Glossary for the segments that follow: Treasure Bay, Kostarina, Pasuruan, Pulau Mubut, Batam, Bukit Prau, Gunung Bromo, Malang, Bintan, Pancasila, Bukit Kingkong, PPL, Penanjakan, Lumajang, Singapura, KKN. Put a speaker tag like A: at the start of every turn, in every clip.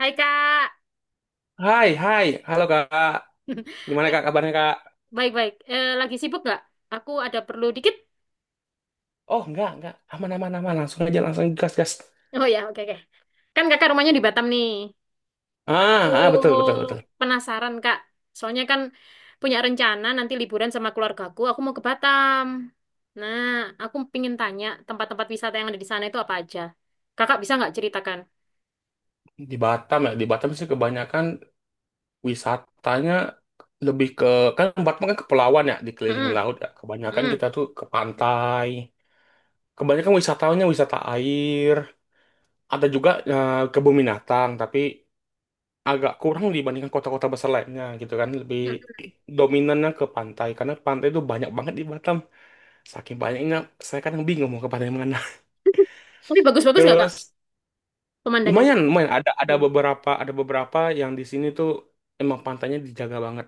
A: Hai Kak.
B: Hai, hai, halo Kak. Gimana
A: Eh,
B: Kak kabarnya Kak?
A: Baik-baik. Lagi sibuk nggak? Aku ada perlu dikit.
B: Oh enggak, aman aman aman, langsung aja langsung gas gas.
A: Oh ya, oke, oke. Kan kakak rumahnya di Batam nih.
B: Ah,
A: Aku
B: ah betul betul betul.
A: penasaran Kak. Soalnya kan punya rencana nanti liburan sama keluargaku. Aku mau ke Batam. Nah, aku pingin tanya tempat-tempat wisata yang ada di sana itu apa aja. Kakak bisa nggak ceritakan?
B: Di Batam ya, di Batam sih kebanyakan wisatanya lebih ke kan Batam kan kepulauan ya, dikelilingin
A: Mm-mm,
B: laut ya. Kebanyakan
A: mm-mm,
B: kita tuh ke pantai. Kebanyakan wisatawannya wisata air. Ada juga kebun binatang, tapi agak kurang dibandingkan kota-kota besar lainnya gitu kan. Lebih
A: mm-mm.
B: dominannya ke pantai karena pantai itu banyak banget di Batam. Saking banyaknya, saya kadang bingung mau kepada yang mana.
A: Tapi bagus-bagus nggak Kak
B: Terus
A: pemandangannya?
B: lumayan, lumayan ada ada
A: Hmm.
B: beberapa ada beberapa yang di sini tuh emang pantainya dijaga banget,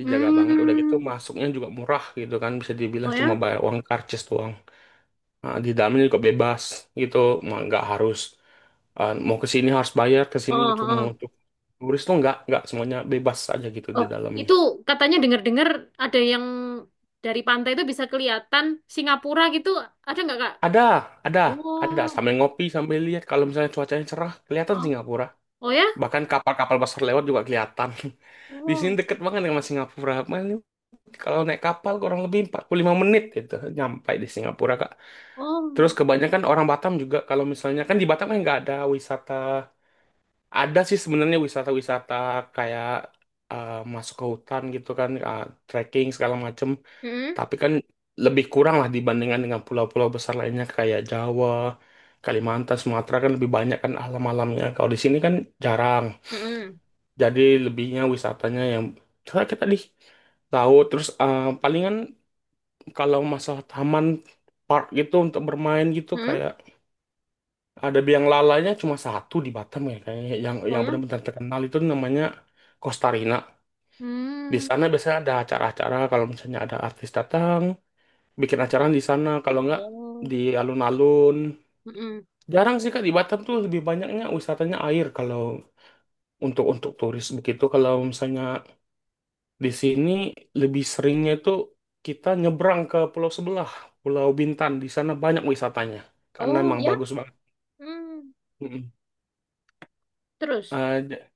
B: dijaga banget. Udah gitu
A: Hmm.
B: masuknya juga murah gitu kan, bisa
A: Oh
B: dibilang cuma
A: ya?
B: bayar uang karcis doang. Nah, di dalamnya juga bebas gitu. Mau nggak harus eh, Mau ke sini harus bayar, ke sini
A: Oh,
B: itu mau
A: oh.
B: untuk turis tuh nggak semuanya bebas aja gitu di
A: Oh,
B: dalamnya.
A: itu katanya dengar-dengar ada yang dari pantai itu bisa kelihatan Singapura gitu. Ada nggak, Kak?
B: Ada, ada, ada
A: Oh,
B: sambil ngopi sambil lihat kalau misalnya cuacanya cerah kelihatan
A: oh,
B: Singapura.
A: oh ya?
B: Bahkan kapal-kapal besar lewat juga kelihatan. Di sini
A: Oh,
B: deket banget sama Singapura. Kalau naik kapal kurang lebih 45 menit gitu nyampe di Singapura, Kak. Terus
A: oh.
B: kebanyakan orang Batam juga kalau misalnya kan di Batam kan nggak ada wisata. Ada sih sebenarnya wisata-wisata kayak masuk ke hutan gitu kan, trekking segala macem.
A: Hmm,
B: Tapi kan lebih kurang lah dibandingkan dengan pulau-pulau besar lainnya kayak Jawa, Kalimantan, Sumatera kan lebih banyak kan alam-alamnya. Kalau di sini kan jarang.
A: hmm,
B: Jadi lebihnya wisatanya yang misalnya kita di laut terus palingan kalau masalah taman park gitu untuk bermain gitu
A: hmm.
B: kayak ada biang lalanya cuma satu di Batam ya kayaknya yang
A: Oh
B: yang
A: ya?
B: benar-benar terkenal itu namanya Kostarina. Di
A: Hmm.
B: sana biasanya ada acara-acara kalau misalnya ada artis datang bikin acara di sana kalau nggak
A: Oh,
B: di alun-alun.
A: hmm.
B: Jarang sih Kak di Batam tuh lebih banyaknya wisatanya air kalau untuk turis begitu kalau misalnya di sini lebih seringnya itu kita nyebrang ke pulau sebelah, Pulau Bintan. Di sana banyak wisatanya, karena
A: Oh
B: emang
A: ya?
B: bagus banget.
A: Hmm.
B: Mm-mm.
A: Terus?
B: Eh, j-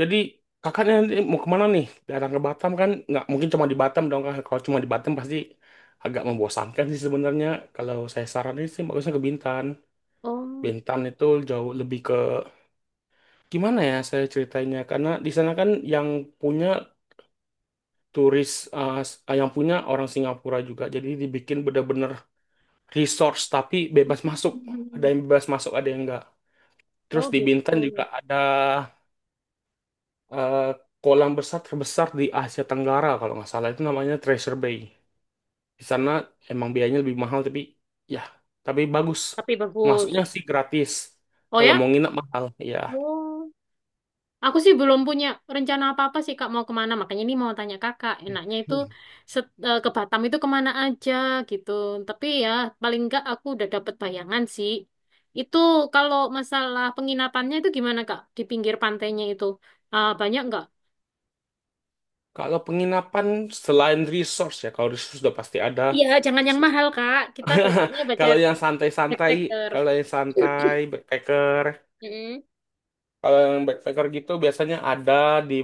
B: jadi kakaknya nanti mau kemana nih? Datang ke Batam kan nggak mungkin cuma di Batam dong, Kak. Kalau cuma di Batam pasti agak membosankan sih sebenarnya. Kalau saya saranin sih bagusnya ke Bintan.
A: Oh.
B: Bintan itu jauh lebih ke gimana ya saya ceritanya karena di sana kan yang punya turis yang punya orang Singapura juga jadi dibikin bener-bener resource tapi bebas masuk. Ada
A: Hmm.
B: yang bebas masuk, ada yang enggak.
A: Oh
B: Terus di
A: gitu.
B: Bintan juga ada eh, kolam besar terbesar di Asia Tenggara kalau nggak salah itu namanya Treasure Bay. Di sana emang biayanya lebih mahal tapi ya tapi bagus.
A: Tapi
B: Masuknya
A: bagus.
B: sih gratis.
A: Oh
B: Kalau
A: ya?
B: mau nginep mahal, ya.
A: Oh. Aku sih belum punya rencana apa-apa sih Kak mau kemana. Makanya ini mau tanya Kakak. Enaknya itu ke Batam itu kemana aja gitu. Tapi ya paling enggak aku udah dapet bayangan sih. Itu kalau masalah penginapannya itu gimana Kak? Di pinggir pantainya itu. Ah, banyak nggak?
B: Kalau penginapan selain resource ya, kalau resource sudah pasti ada.
A: Iya, jangan yang mahal Kak. Kita budgetnya budget
B: Kalau yang santai-santai,
A: backpacker.
B: kalau yang santai backpacker,
A: Mm-mm.
B: kalau yang backpacker gitu biasanya ada di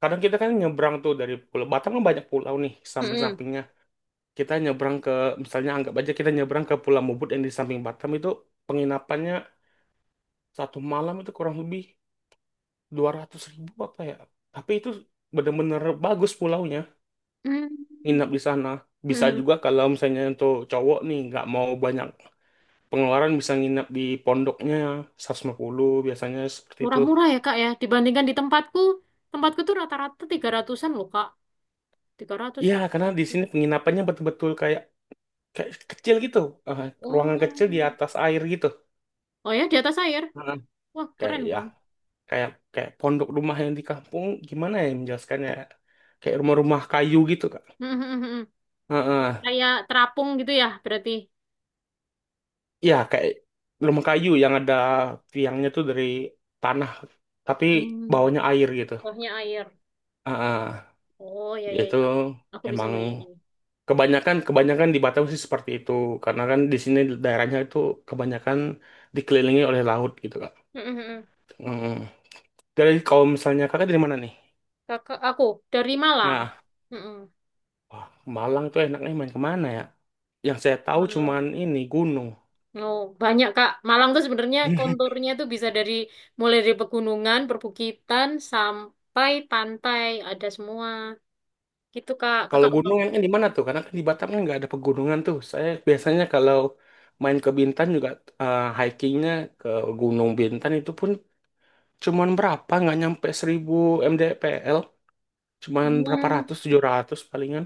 B: kadang kita kan nyebrang tuh dari Pulau Batam kan banyak pulau nih
A: Mm-mm.
B: samping-sampingnya. Kita nyebrang ke misalnya anggap aja kita nyebrang ke Pulau Mubut yang di samping Batam itu penginapannya satu malam itu kurang lebih 200 ribu apa ya. Tapi itu bener-bener bagus pulaunya
A: Mm.
B: nginap di sana. Bisa
A: Mm-mm.
B: juga kalau misalnya untuk cowok nih nggak mau banyak pengeluaran bisa nginap di pondoknya 150 biasanya seperti itu.
A: Murah-murah ya Kak ya. Dibandingkan di tempatku. Tempatku tuh rata-rata 300-an loh Kak. 300
B: Iya
A: Kak.
B: karena di sini penginapannya betul-betul kayak kayak kecil gitu, eh, ruangan kecil di
A: Oh.
B: atas air gitu.
A: Oh ya, di atas air.
B: Heeh.
A: Wah,
B: Kayak
A: keren
B: ya,
A: dong.
B: kayak kayak pondok rumah yang di kampung gimana ya menjelaskannya? Kayak rumah-rumah kayu gitu, Kak. Heeh.
A: Kayak terapung gitu ya, berarti.
B: Ya, kayak rumah kayu yang ada tiangnya tuh dari tanah tapi
A: Hmm.
B: bawahnya air gitu.
A: Bawahnya air.
B: Heeh.
A: Oh, ya, ya,
B: Yaitu
A: ya. Aku bisa
B: emang
A: bayangin.
B: kebanyakan kebanyakan di Batam sih seperti itu karena kan di sini daerahnya itu kebanyakan dikelilingi oleh laut gitu, Kak. Heeh. Kalau misalnya Kakak dari mana nih?
A: Kakak aku dari Malang.
B: Nah,
A: Mm-mm.
B: wah, Malang tuh enaknya main kemana ya? Yang saya tahu
A: Malang.
B: cuman ini gunung.
A: Oh, banyak, Kak. Malang tuh sebenarnya konturnya tuh bisa dari mulai dari pegunungan, perbukitan sampai pantai, ada semua. Gitu, Kak.
B: Kalau
A: Kakak.
B: gunung yang di mana tuh? Karena kan di Batam kan nggak ada pegunungan tuh. Saya biasanya kalau main ke Bintan juga hikingnya ke Gunung Bintan itu pun cuman berapa? Nggak nyampe 1.000 mdpl, cuman berapa
A: Hmm.
B: ratus, 700 palingan.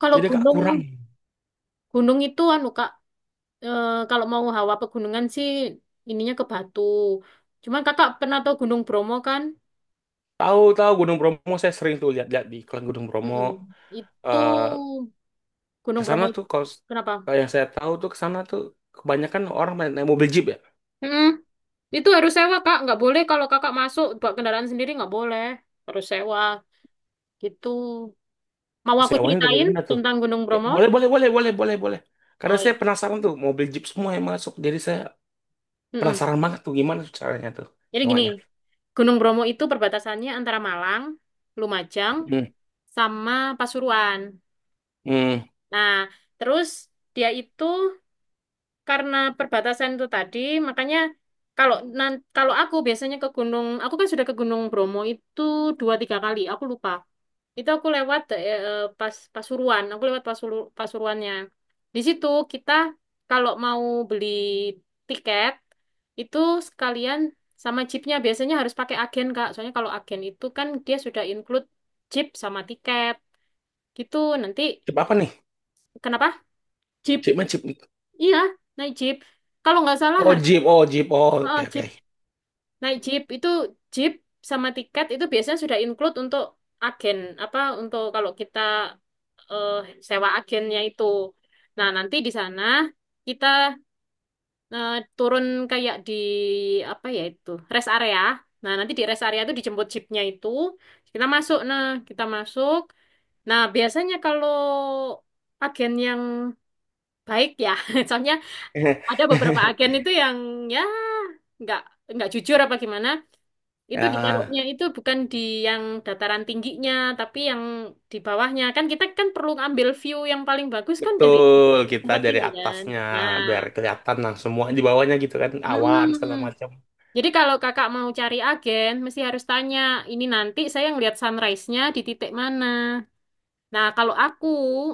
A: Kalau
B: Jadi agak
A: gunung,
B: kurang.
A: gunung itu anu, Kak, kalau mau hawa pegunungan sih ininya ke Batu. Cuman kakak pernah tahu Gunung Bromo kan?
B: Tahu-tahu Gunung Bromo saya sering tuh lihat-lihat di iklan Gunung Bromo.
A: Mm-mm. Itu
B: Eh ke
A: Gunung
B: sana
A: Bromo
B: tuh kalau
A: kenapa?
B: kalau yang saya tahu tuh ke sana tuh kebanyakan orang main naik mobil jeep ya.
A: Mm-mm. Itu harus sewa kak, nggak boleh kalau kakak masuk bawa kendaraan sendiri nggak boleh, harus sewa gitu. Mau aku
B: Sewanya dari
A: ceritain
B: mana tuh?
A: tentang Gunung
B: Ya,
A: Bromo?
B: boleh, boleh, boleh, boleh, boleh, boleh. Karena
A: Oh
B: saya
A: iya.
B: penasaran tuh, mau beli Jeep semua yang masuk. Jadi saya
A: Mm-mm.
B: penasaran banget tuh gimana tuh caranya tuh
A: Jadi gini,
B: sewanya.
A: Gunung Bromo itu perbatasannya antara Malang, Lumajang,
B: Hmm.
A: sama Pasuruan.
B: Hmm.
A: Nah, terus dia itu karena perbatasan itu tadi, makanya kalau kalau aku biasanya ke gunung, aku kan sudah ke Gunung Bromo itu dua tiga kali, aku lupa. Itu aku lewat pas Pasuruan, aku lewat Pasuruannya. Di situ kita kalau mau beli tiket itu sekalian sama jeepnya biasanya harus pakai agen Kak. Soalnya kalau agen itu kan dia sudah include jeep sama tiket. Gitu nanti.
B: Jeep apa nih?
A: Kenapa? Jeep.
B: Jeep mana Jeep?
A: Iya, naik jeep. Kalau nggak salah
B: Oh,
A: harga.
B: Jeep. Oh, Jeep. Oh,
A: Oh,
B: oke, oke.
A: naik jeep itu jeep sama tiket itu biasanya sudah include untuk agen apa untuk kalau kita eh, sewa agennya itu. Nah, nanti di sana kita eh, turun kayak di apa ya itu rest area. Nah, nanti di rest area itu dijemput jeepnya itu kita masuk. Nah, kita masuk. Nah, biasanya kalau agen yang baik ya, soalnya ada beberapa agen itu yang ya nggak nggak jujur apa gimana. Itu
B: Ya,
A: ditaruhnya itu bukan di yang dataran tingginya, tapi yang di bawahnya. Kan kita kan perlu ngambil view yang paling bagus kan dari
B: betul. Kita
A: tempat
B: dari
A: tinggi kan.
B: atasnya
A: Nah,
B: biar kelihatan nah semua di bawahnya gitu kan awan segala
A: mm-mm.
B: macam.
A: Jadi kalau kakak mau cari agen, mesti harus tanya, ini nanti saya ngelihat sunrise-nya di titik mana. Nah, kalau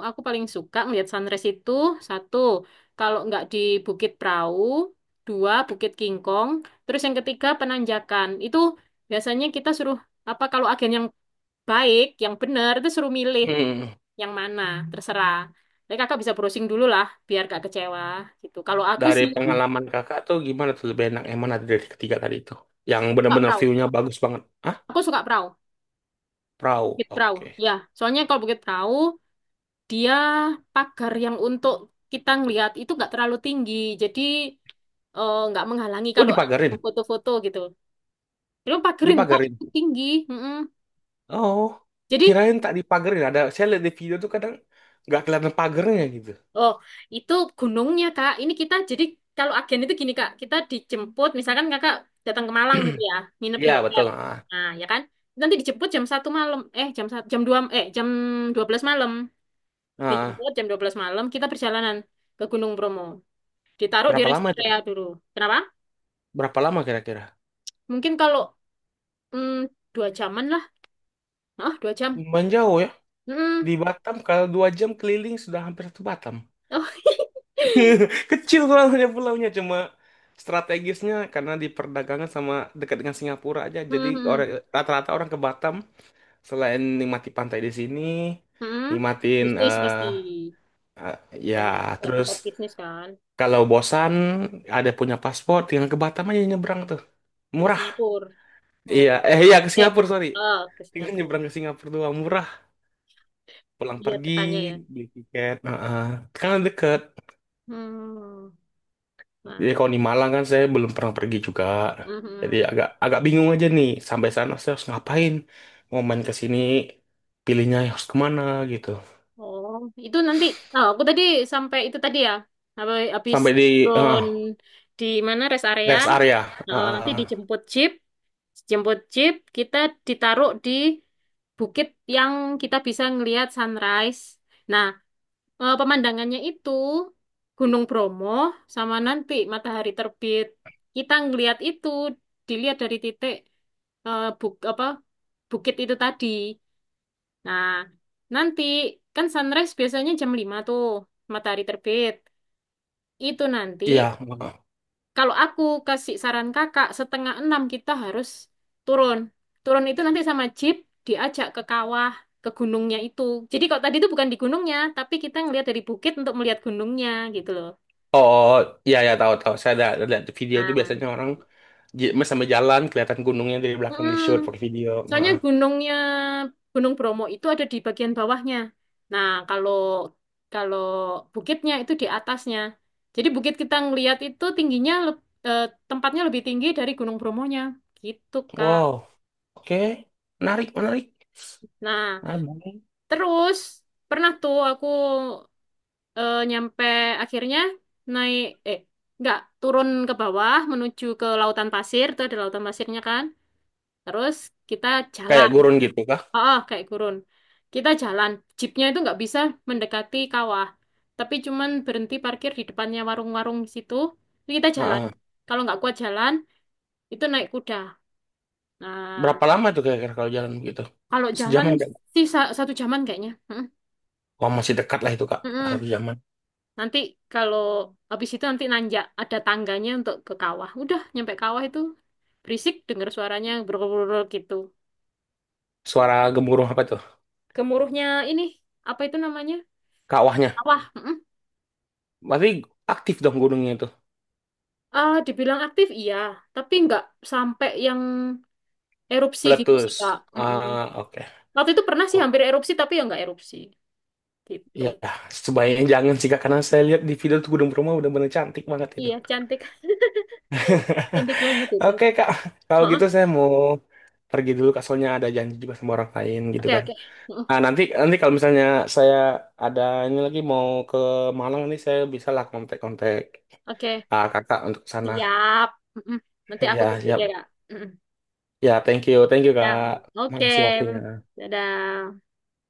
A: aku paling suka ngelihat sunrise itu, satu, kalau nggak di Bukit Prau, dua, Bukit Kingkong, terus yang ketiga, Penanjakan. Itu biasanya kita suruh apa kalau agen yang baik, yang bener itu suruh milih
B: Hmm.
A: yang mana, terserah. Jadi kakak bisa browsing dulu lah, biar gak kecewa gitu. Kalau aku
B: Dari
A: sih
B: pengalaman kakak tuh gimana tuh lebih enak yang mana dari ketiga tadi itu? Yang
A: suka
B: benar-benar
A: perahu,
B: view-nya bagus banget. Ah,
A: aku suka perahu,
B: perahu.
A: bukit perahu.
B: Oke.
A: Ya, soalnya kalau bukit perahu dia pagar yang untuk kita ngelihat itu nggak terlalu tinggi, jadi nggak menghalangi
B: Oh
A: kalau aku
B: dipagarin,
A: foto-foto gitu. Dia pagarin kak
B: dipagarin.
A: itu tinggi, mm-mm.
B: Oh,
A: Jadi
B: kirain tak dipagarin. Ada saya lihat di video tuh kadang nggak kelihatan pagernya gitu.
A: Oh, itu gunungnya, Kak. Ini kita jadi kalau agen itu gini, Kak. Kita dijemput, misalkan Kakak datang ke Malang gitu ya, nginep di
B: Iya betul.
A: hotel.
B: Ah,
A: Nah, ya kan? Nanti dijemput jam 1 malam. Jam 12 malam.
B: ah.
A: Dijemput jam 12 malam, kita perjalanan ke Gunung Bromo. Ditaruh di
B: Berapa
A: rest
B: lama itu
A: area
B: Pak?
A: dulu. Kenapa?
B: Berapa lama kira-kira?
A: Mungkin kalau mm, dua jaman lah. Ah, 2 jam.
B: Lumayan jauh ya.
A: Mm.
B: Di Batam kalau 2 jam keliling sudah hampir ke Batam.
A: Oh.
B: Kecil soalnya pulaunya cuma strategisnya karena di perdagangan sama dekat dengan Singapura aja. Jadi
A: Mm, mm,
B: rata-rata orang ke Batam selain nikmati pantai di sini,
A: mm.
B: nikmatin
A: Bisnis pasti
B: eh, ya
A: banyak
B: terus
A: tempat bisnis kan.
B: kalau bosan, ada punya paspor, tinggal ke Batam aja nyebrang tuh.
A: Ke
B: Murah.
A: Singapura.
B: Iya,
A: Oh.
B: eh iya ke
A: Eh,
B: Singapura, sorry.
A: ah ke
B: Tinggal
A: Singapura.
B: nyebrang ke Singapura doang, murah. Pulang
A: Iya,
B: pergi,
A: katanya ya.
B: beli tiket. Heeh. Kan deket.
A: Hmm. Nah,
B: Jadi kalau di Malang kan saya belum pernah pergi juga. Jadi
A: mhm.
B: agak agak bingung aja nih, sampai sana saya harus ngapain. Mau main ke sini, pilihnya harus kemana gitu.
A: Oh, itu nanti. Oh, aku tadi sampai itu tadi ya. Apa, habis
B: Sampai di eh,
A: turun di mana rest area.
B: rest area.
A: Oh, nanti
B: Heeh.
A: dijemput jeep. Jemput jeep, kita ditaruh di bukit yang kita bisa ngelihat sunrise. Nah, pemandangannya itu Gunung Bromo sama nanti matahari terbit. Kita ngelihat itu dilihat dari titik eh, buk apa bukit itu tadi. Nah, nanti kan sunrise biasanya jam 5 tuh matahari terbit. Itu nanti
B: Iya. Heeh.
A: kalau aku kasih saran kakak setengah enam kita harus turun. Turun itu nanti sama jeep diajak ke kawah ke gunungnya itu. Jadi kalau tadi itu bukan di gunungnya, tapi kita ngelihat dari bukit untuk melihat gunungnya gitu loh.
B: Oh, oh, iya ya tahu tahu. Saya ada lihat video itu biasanya
A: Nah,
B: orang sama jalan kelihatan gunungnya dari belakang di
A: mm-mm.
B: shoot pakai video. Nah.
A: Soalnya gunungnya Gunung Bromo itu ada di bagian bawahnya. Nah, kalau kalau bukitnya itu di atasnya. Jadi bukit kita ngelihat itu tingginya tempatnya lebih tinggi dari Gunung Bromonya. Gitu, Kak.
B: Wow. Oke. Menarik, menarik.
A: Nah,
B: Ah, baik.
A: terus pernah tuh aku nyampe akhirnya naik eh nggak turun ke bawah menuju ke lautan pasir, itu ada lautan pasirnya kan. Terus kita
B: Kayak
A: jalan.
B: gurun gitu kah?
A: Ah, ah, kayak gurun. Kita jalan, jeepnya itu nggak bisa mendekati kawah, tapi cuman berhenti parkir di depannya warung-warung di situ. Terus kita jalan.
B: Heeh.
A: Kalau nggak kuat jalan, itu naik kuda. Nah,
B: Berapa lama tuh kira-kira kalau jalan begitu?
A: kalau
B: Sejam
A: jalan
B: ada.
A: sih satu jaman kayaknya. Mm-mm.
B: Wah, masih dekat lah itu, Kak. Satu
A: Mm-mm.
B: jaman.
A: Nanti kalau habis itu nanti nanjak ada tangganya untuk ke kawah. Udah nyampe kawah itu berisik dengar suaranya brul gitu.
B: Suara gemuruh apa tuh?
A: Gemuruhnya ini apa itu namanya?
B: Kawahnya.
A: Kawah. Hmm.
B: Berarti aktif dong gunungnya itu.
A: Ah, dibilang aktif iya, tapi nggak sampai yang erupsi gitu sih
B: Meletus.
A: Kak. Mm-mm.
B: Ah, oke.
A: Waktu itu pernah sih
B: Oh,
A: hampir erupsi, tapi ya nggak erupsi gitu.
B: iya, sebaiknya jangan sih Kak, karena saya lihat di video tuh Gunung Bromo udah bener cantik banget itu.
A: Iya, cantik, cantik banget itu.
B: Oke Kak, kalau
A: Heeh.
B: gitu saya mau pergi dulu Kak, soalnya ada janji juga sama orang lain gitu
A: Oke,
B: kan.
A: oke. Heeh.
B: Nah, nanti nanti kalau misalnya saya ada ini lagi mau ke Malang nih, saya bisa lah kontak-kontak
A: Oke,
B: Kakak untuk ke sana.
A: siap. Mm-mm. Nanti aku
B: Ya,
A: tunggu
B: siap.
A: deh Kak. Mm-mm.
B: Ya, thank you. Thank you
A: Ya,
B: Kak.
A: oke.
B: Makasih waktunya.
A: Dadah.